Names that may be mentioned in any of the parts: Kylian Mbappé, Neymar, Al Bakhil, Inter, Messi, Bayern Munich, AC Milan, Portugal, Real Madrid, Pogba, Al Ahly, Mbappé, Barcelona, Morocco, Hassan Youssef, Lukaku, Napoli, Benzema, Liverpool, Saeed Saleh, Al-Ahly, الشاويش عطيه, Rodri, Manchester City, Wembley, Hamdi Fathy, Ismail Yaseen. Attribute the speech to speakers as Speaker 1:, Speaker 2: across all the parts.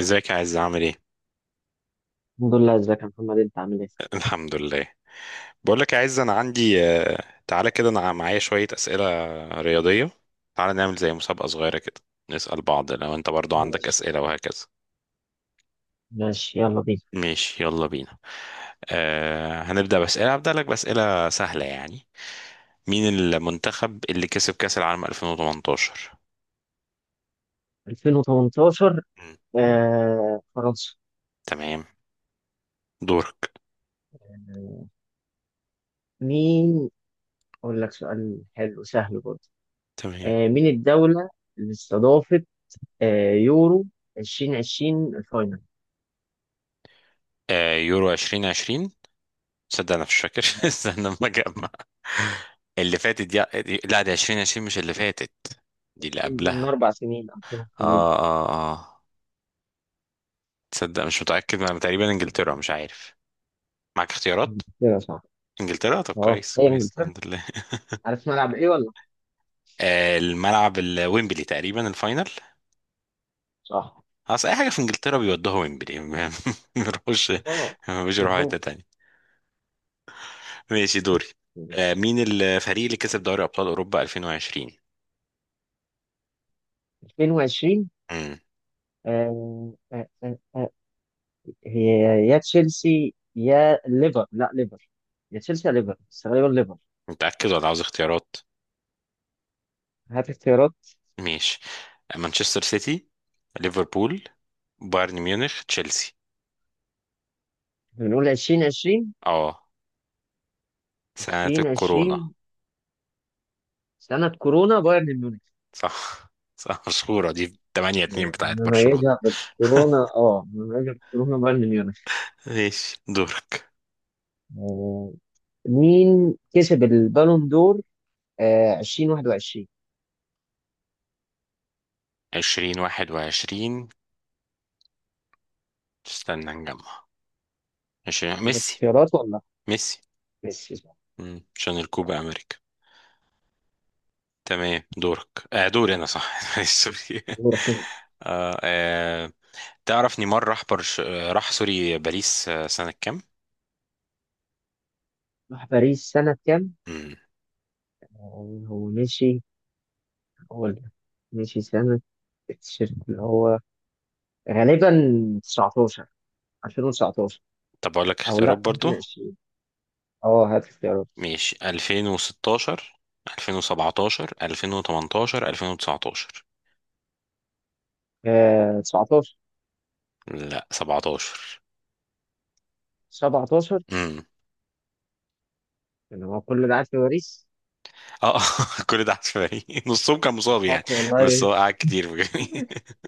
Speaker 1: ازيك يا عز، عامل ايه؟
Speaker 2: الحمد لله، ازيك يا محمد، انت عامل ايه؟
Speaker 1: الحمد لله. بقول لك يا عز، انا عندي تعالى كده، انا معايا شوية أسئلة رياضية. تعالى نعمل زي مسابقة صغيرة كده، نسأل بعض لو انت برضو عندك
Speaker 2: ماشي.
Speaker 1: أسئلة وهكذا.
Speaker 2: ماشي يلا بينا.
Speaker 1: ماشي يلا بينا. هنبدأ بأسئلة، هبدأ لك بأسئلة سهلة يعني. مين المنتخب اللي كسب كأس العالم 2018؟
Speaker 2: 2018.
Speaker 1: مم.
Speaker 2: فرنسا.
Speaker 1: تمام، دورك.
Speaker 2: آه، مين؟ اقول لك سؤال حلو سهل برضه.
Speaker 1: تمام.
Speaker 2: مين الدولة اللي استضافت يورو 2020 الفاينل؟
Speaker 1: يورو 2020. تصدق انا مش فاكر.
Speaker 2: آه،
Speaker 1: استنى لما اجمع. اللي فاتت دي، لا دي 2020 مش اللي فاتت، دي اللي
Speaker 2: 20 دي من
Speaker 1: قبلها.
Speaker 2: 4 سنين او ثلاث
Speaker 1: اه
Speaker 2: سنين
Speaker 1: اه اه تصدق مش متأكد، ما تقريبا انجلترا، مش عارف. معاك اختيارات.
Speaker 2: كده صح.
Speaker 1: انجلترا، طب
Speaker 2: اه،
Speaker 1: كويس
Speaker 2: هي
Speaker 1: كويس
Speaker 2: انجلترا.
Speaker 1: الحمد لله.
Speaker 2: عارف ملعب ايه ولا؟
Speaker 1: الملعب الويمبلي تقريبا الفاينل.
Speaker 2: صح.
Speaker 1: اصل اي حاجة في انجلترا بيودوها ويمبلي ما بيروحوش،
Speaker 2: اه،
Speaker 1: ما بيروحوا حتة
Speaker 2: معروف.
Speaker 1: تانية. ماشي دوري.
Speaker 2: ماشي.
Speaker 1: مين الفريق اللي كسب دوري ابطال اوروبا 2020؟
Speaker 2: 2020.
Speaker 1: امم
Speaker 2: آه آه آه آه هي يا تشيلسي يا ليفر، لا، ليفر. يا تشيلسي يا ليفر، بس غالبا ليفر.
Speaker 1: متأكد ولا عاوز اختيارات؟
Speaker 2: هات اختيارات.
Speaker 1: ماشي، مانشستر سيتي، ليفربول، بايرن ميونخ، تشيلسي.
Speaker 2: بنقول 2020.
Speaker 1: اه سنة الكورونا.
Speaker 2: 2020 سنة كورونا، بايرن ميونخ.
Speaker 1: صح صح، مشهورة دي، 8-2 بتاعت برشلونة.
Speaker 2: نميزها بالكورونا، اه نميزها بالكورونا، بايرن ميونخ.
Speaker 1: ماشي دورك.
Speaker 2: آه، مين كسب البالون دور 2021؟
Speaker 1: 20 21، استنى نجمع. 20،
Speaker 2: ولا
Speaker 1: ميسي،
Speaker 2: اختيارات ولا لأ؟
Speaker 1: ميسي.
Speaker 2: ميسي صح.
Speaker 1: عشان
Speaker 2: صح.
Speaker 1: الكوبا امريكا. تمام دورك. دوري انا، صح. سوري.
Speaker 2: دورك أنت.
Speaker 1: آه آه تعرف نيمار راح باريس، سنة كام؟
Speaker 2: راح باريس سنة كام؟
Speaker 1: مم.
Speaker 2: هو مشي. هو سنة التيشيرت اللي هو غالبا 19، 2019،
Speaker 1: طب اقول لك
Speaker 2: او
Speaker 1: اختيارات
Speaker 2: لا
Speaker 1: برضو.
Speaker 2: ممكن 20. اه هات اختيارات.
Speaker 1: ماشي، 2016، 2017، 2018، 2019.
Speaker 2: 19.
Speaker 1: لا، 17.
Speaker 2: 17؟
Speaker 1: امم
Speaker 2: اللي هو كل ده قاعد في باريس.
Speaker 1: اه كل ده عشوائي. نصهم كان مصاب يعني،
Speaker 2: فاكر والله.
Speaker 1: بس هو قعد كتير بجد.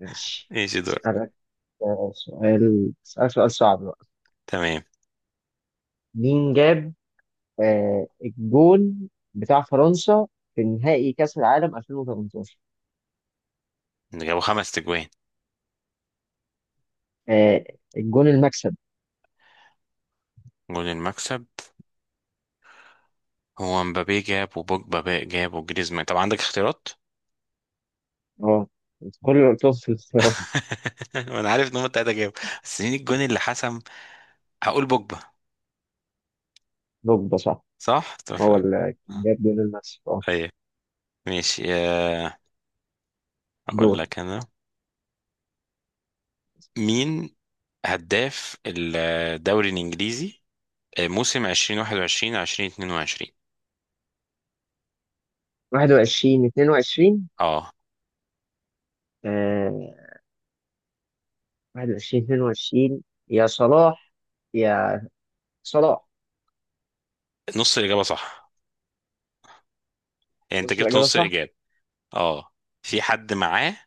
Speaker 2: ماشي.
Speaker 1: ماشي دور.
Speaker 2: اسالك آه، سؤال اسالك سؤال صعب بقى.
Speaker 1: تمام.
Speaker 2: مين جاب الجون بتاع فرنسا في نهائي كأس العالم 2018؟
Speaker 1: جابوا 5 أجوان.
Speaker 2: آه الجون المكسب.
Speaker 1: جول المكسب. هو مبابي جاب، وبوجبا بقى جاب، وجريزمان. طب عندك اختيارات؟
Speaker 2: اه، كل اللي قلتهم في الاختيارات.
Speaker 1: وانا عارف ان هم التلاته جابوا، بس مين الجون اللي حسم؟ هقول بوجبا.
Speaker 2: دوك ده صح.
Speaker 1: صح طب.
Speaker 2: هو اللي كان
Speaker 1: آه،
Speaker 2: جاب جون المكسب، اه.
Speaker 1: ايوه. ماشي. اقول
Speaker 2: دور.
Speaker 1: لك انا، مين هداف الدوري الانجليزي موسم 2021 2022؟
Speaker 2: 21 22.
Speaker 1: اه،
Speaker 2: آه 21 22. يا صلاح، يا صلاح.
Speaker 1: نص الاجابه صح، يعني انت
Speaker 2: بص،
Speaker 1: جبت
Speaker 2: الإجابة
Speaker 1: نص
Speaker 2: صح.
Speaker 1: الاجابه. اه، في حد معاه،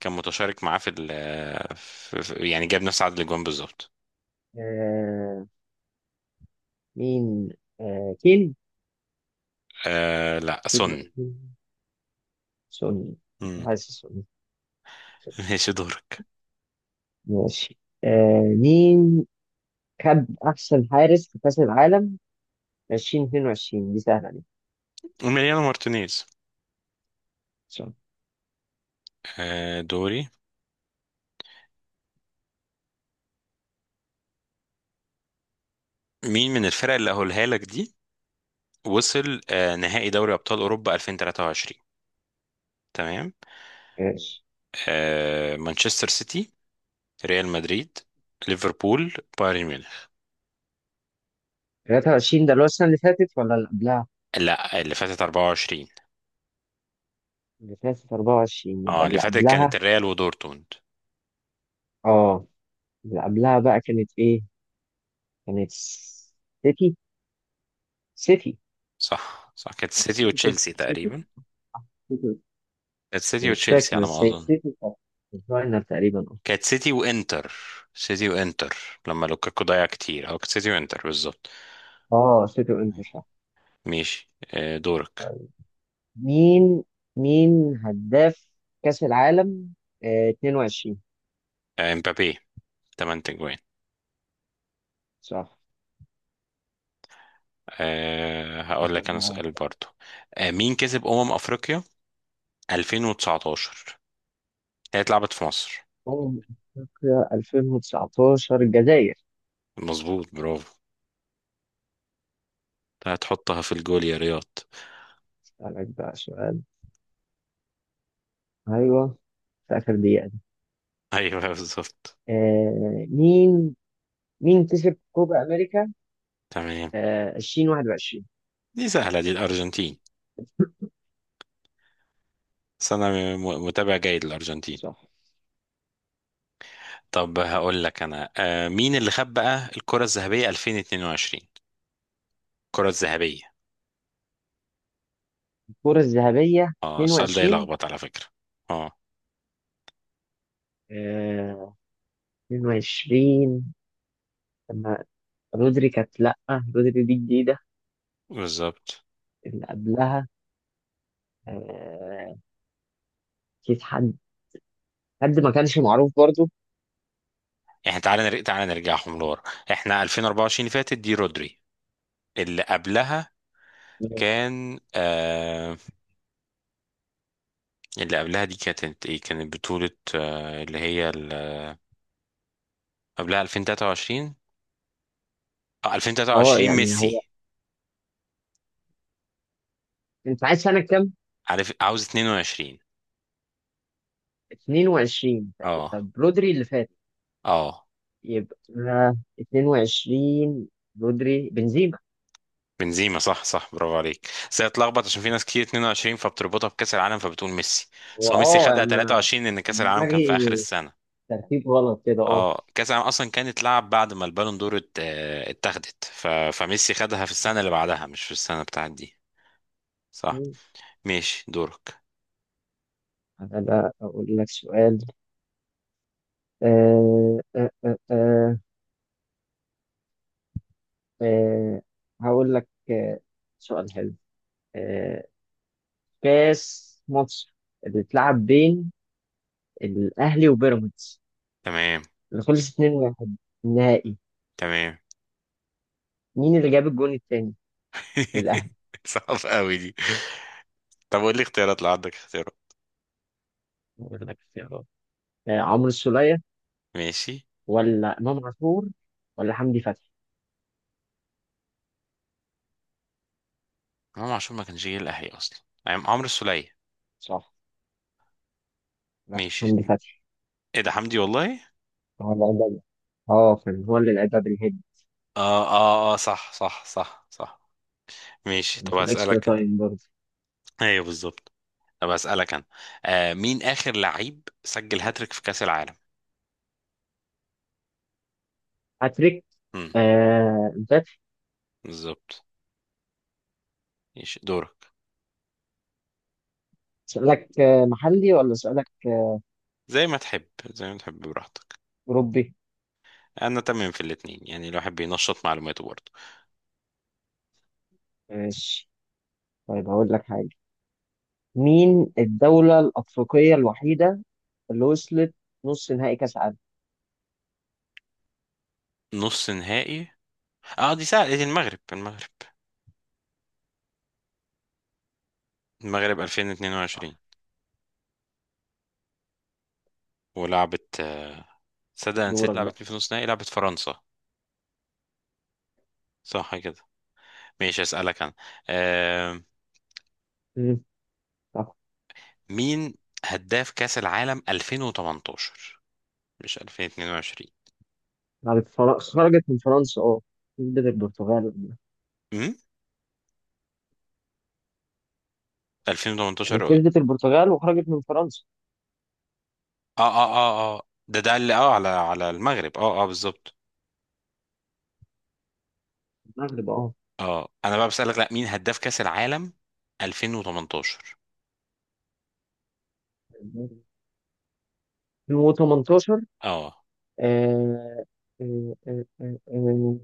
Speaker 1: كان متشارك معاه في يعني جاب نفس عدد الاجوان بالظبط.
Speaker 2: آه مين؟ كين.
Speaker 1: لا، سن.
Speaker 2: كين. سوني. كنت
Speaker 1: مم.
Speaker 2: حاسس سوني.
Speaker 1: ماشي دورك.
Speaker 2: ماشي. مين خد أحسن حارس في كأس العالم 2022؟ دي سهلة دي.
Speaker 1: ميليانو مارتينيز.
Speaker 2: صح.
Speaker 1: دوري، مين من الفرق اللي هقولها لك دي وصل نهائي دوري ابطال اوروبا 2023؟ تمام،
Speaker 2: ماشي.
Speaker 1: مانشستر سيتي، ريال مدريد، ليفربول، بايرن ميونخ.
Speaker 2: 23 ده اللي هو السنة اللي فاتت ولا اللي قبلها؟
Speaker 1: لا اللي فاتت 24.
Speaker 2: اللي فاتت 24، يبقى
Speaker 1: اه اللي
Speaker 2: اللي
Speaker 1: فاتت كانت
Speaker 2: قبلها.
Speaker 1: الريال ودورتموند.
Speaker 2: اه، اللي قبلها بقى كانت ايه؟ كانت سيتي. سيتي.
Speaker 1: صح صح، كانت سيتي
Speaker 2: سيتي.
Speaker 1: وتشيلسي
Speaker 2: سيتي.
Speaker 1: تقريبا.
Speaker 2: سيتي،
Speaker 1: كانت سيتي
Speaker 2: مش
Speaker 1: وتشيلسي
Speaker 2: فاكر،
Speaker 1: على ما
Speaker 2: بس هي
Speaker 1: اظن.
Speaker 2: سيتي صح. فاينل تقريبا.
Speaker 1: كانت سيتي وانتر. سيتي وانتر. لما لوكاكو ضيع كتير، اه كانت سيتي وانتر بالظبط.
Speaker 2: اه، سيتي وانتر صح.
Speaker 1: ماشي. دورك.
Speaker 2: طيب، مين هداف كأس العالم 22؟
Speaker 1: امبابي، 8 تجوان.
Speaker 2: صح.
Speaker 1: هقول لك انا
Speaker 2: استنى.
Speaker 1: سؤال برضو. مين كسب افريقيا 2019؟ هي اتلعبت في مصر.
Speaker 2: أمم أفريقيا 2019 الجزائر.
Speaker 1: مظبوط، برافو. هتحطها في الجول يا رياض.
Speaker 2: اسألك بقى سؤال. ايوه، في آخر دقيقة دي.
Speaker 1: ايوه بالظبط.
Speaker 2: آه مين مين كسب كوبا أمريكا
Speaker 1: تمام.
Speaker 2: 2021؟
Speaker 1: دي سهله دي، الارجنتين، بس انا متابع جيد للارجنتين.
Speaker 2: صح.
Speaker 1: طب هقول لك انا، مين اللي خد بقى الكره الذهبيه 2022؟ الكره الذهبيه.
Speaker 2: الكرة الذهبية
Speaker 1: اه، السؤال ده
Speaker 2: 22.
Speaker 1: يلخبط على فكره. اه
Speaker 2: 22 لما رودري، كانت لأ. رودري دي جديدة.
Speaker 1: بالظبط.
Speaker 2: اللي قبلها آه، أكيد حد. حد ما كانش معروف برضو.
Speaker 1: احنا تعالى نرجع، تعالى نرجعهم لورا. احنا 2024 اللي فاتت دي رودري، اللي قبلها
Speaker 2: اه،
Speaker 1: كان اللي قبلها دي كانت ايه، كانت بطولة. آه اللي هي ال- قبلها 2023. 2023
Speaker 2: يعني هو،
Speaker 1: ميسي.
Speaker 2: أنت عايز سنة كام؟
Speaker 1: عارف، عاوز 22.
Speaker 2: 22.
Speaker 1: اه
Speaker 2: طب رودري اللي فات.
Speaker 1: اه
Speaker 2: يبقى 22، رودري بنزيما.
Speaker 1: بنزيما. صح صح برافو عليك، بس هي اتلخبط عشان في ناس كتير 22 فبتربطها بكأس العالم، فبتقول ميسي. بس
Speaker 2: هو
Speaker 1: هو ميسي
Speaker 2: اه،
Speaker 1: خدها
Speaker 2: أنا
Speaker 1: 23 لأن كأس العالم كان في
Speaker 2: دماغي
Speaker 1: آخر السنة.
Speaker 2: ترتيب غلط كده، اه.
Speaker 1: اه، كأس العالم أصلا كانت اتلعب بعد ما البالون دور اتاخدت، فميسي خدها في السنة اللي بعدها مش في السنة بتاعت دي. صح. ماشي دورك.
Speaker 2: أنا لا، أقول لك سؤال. أه أه أه أه. آه، هقول لك سؤال حلو. آه، كاس مصر اللي اتلعب بين الأهلي وبيراميدز،
Speaker 1: تمام.
Speaker 2: اللي خلص 2-1 النهائي،
Speaker 1: تمام.
Speaker 2: مين اللي جاب الجون التاني للأهلي؟
Speaker 1: صعب قوي دي. طب قول لي اختيارات لو عندك اختيارات.
Speaker 2: هقول لك اختيارات. عمرو السولية
Speaker 1: ماشي.
Speaker 2: ولا إمام عاشور ولا حمدي فتحي؟
Speaker 1: امام عاشور ما كانش جاي الاهلي اصلا، يعني عمرو السولية.
Speaker 2: صح. لا،
Speaker 1: ماشي.
Speaker 2: حمدي فتحي.
Speaker 1: ايه ده، حمدي والله.
Speaker 2: هو اللي عدى، اه كان هو اللي لعبها بالهيد.
Speaker 1: اه صح صح صح صح. ماشي،
Speaker 2: كان
Speaker 1: طب
Speaker 2: في الاكسترا
Speaker 1: اسالك انا.
Speaker 2: تايم برضه.
Speaker 1: ايوه بالظبط. طب اسالك انا، مين اخر لعيب سجل هاتريك في كاس العالم؟
Speaker 2: هاتريك.
Speaker 1: امم
Speaker 2: امبابي.
Speaker 1: بالظبط. ماشي دورك.
Speaker 2: سؤالك محلي ولا سؤالك
Speaker 1: زي ما تحب، زي ما تحب براحتك.
Speaker 2: أوروبي؟
Speaker 1: انا تمام في الاتنين، يعني الواحد بينشط معلوماته برضه.
Speaker 2: ماشي. طيب هقول لك حاجة. مين الدولة الأفريقية الوحيدة اللي وصلت نص نهائي كأس عالم؟
Speaker 1: نص نهائي. اه دي سهله دي، المغرب، المغرب. المغرب
Speaker 2: صح.
Speaker 1: 2022. ولعبت صدق أنا نسيت،
Speaker 2: دورك بقى.
Speaker 1: لعبت مين في نص نهائي؟ لعبت فرنسا. صح كده. ماشي، اسالك انا آه
Speaker 2: مم. صح.
Speaker 1: مين هداف كاس العالم 2018، مش 2022؟
Speaker 2: بعد خرجت من فرنسا، اه. كسبت البرتغال.
Speaker 1: امم
Speaker 2: يعني
Speaker 1: 2018، اه.
Speaker 2: كسبت البرتغال وخرجت من فرنسا،
Speaker 1: اه اه اه ده ده اللي اه على على المغرب. اه بالظبط.
Speaker 2: المغرب، اه.
Speaker 1: اه، انا بقى بسالك، لا مين هداف كاس العالم 2018؟
Speaker 2: 2018.
Speaker 1: اه.
Speaker 2: آه، آه، آه، آه، آه،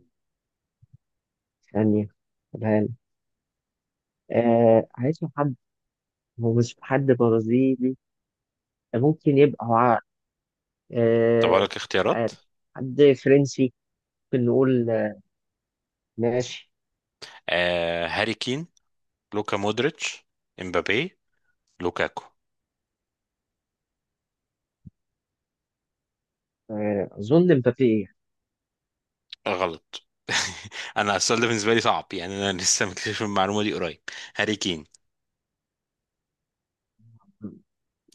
Speaker 2: ثانية، قولها لي. عايز حد. هو مش حد برازيلي ممكن يبقى؟ هو عارف.
Speaker 1: طب اقول
Speaker 2: آه،
Speaker 1: لك
Speaker 2: مش
Speaker 1: اختيارات،
Speaker 2: عارف. حد فرنسي ممكن نقول. ماشي.
Speaker 1: آه، هاري كين، لوكا مودريتش، امبابي، لوكاكو.
Speaker 2: أظن مبابي، إيه؟
Speaker 1: غلط. انا السؤال ده بالنسبه لي صعب يعني، انا لسه مكتشف المعلومه دي قريب. هاري كين.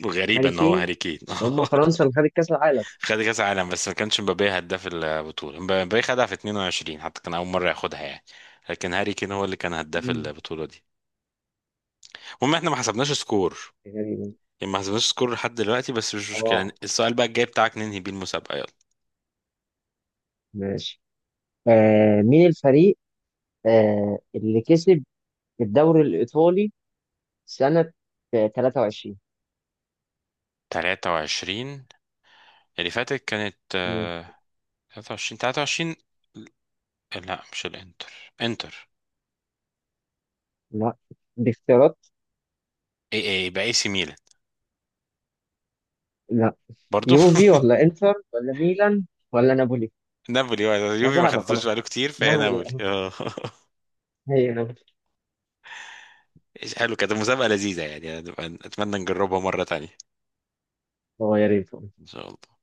Speaker 1: غريبة
Speaker 2: هاري
Speaker 1: ان هو
Speaker 2: كين؟
Speaker 1: هاري كين.
Speaker 2: بس هم فرنسا اللي خدت كأس العالم.
Speaker 1: خد كاس عالم، بس ما كانش مبابي هداف البطولة. مبابي خدها في 22 حتى، كان اول مرة ياخدها يعني. لكن هاري كين هو اللي كان هداف
Speaker 2: مم.
Speaker 1: البطولة دي. المهم احنا ما حسبناش سكور،
Speaker 2: تقريبا.
Speaker 1: يعني ما حسبناش سكور لحد دلوقتي، بس مش مشكلة يعني.
Speaker 2: اه،
Speaker 1: السؤال بقى الجاي بتاعك ننهي بيه المسابقة، يلا.
Speaker 2: ماشي. مين الفريق اللي كسب الدوري الإيطالي سنة 23؟
Speaker 1: 23 اللي فاتت كانت
Speaker 2: مم.
Speaker 1: 23 23. لا، مش الانتر. انتر.
Speaker 2: لا، باختيارات.
Speaker 1: اي اي يبقى اي سي ميلان.
Speaker 2: لا،
Speaker 1: برضو.
Speaker 2: يوفي ولا إنتر ولا ميلان ولا نابولي؟
Speaker 1: نابولي. يوفي ما
Speaker 2: هذا هذا
Speaker 1: خدتوش
Speaker 2: خلاص.
Speaker 1: بقاله كتير فهي
Speaker 2: نابولي
Speaker 1: نابولي.
Speaker 2: آه.
Speaker 1: اه.
Speaker 2: هي نابولي.
Speaker 1: حلو، كانت المسابقة لذيذة يعني، أتمنى نجربها مرة تانية.
Speaker 2: هو، يا ريت.
Speaker 1: إن شاء الله.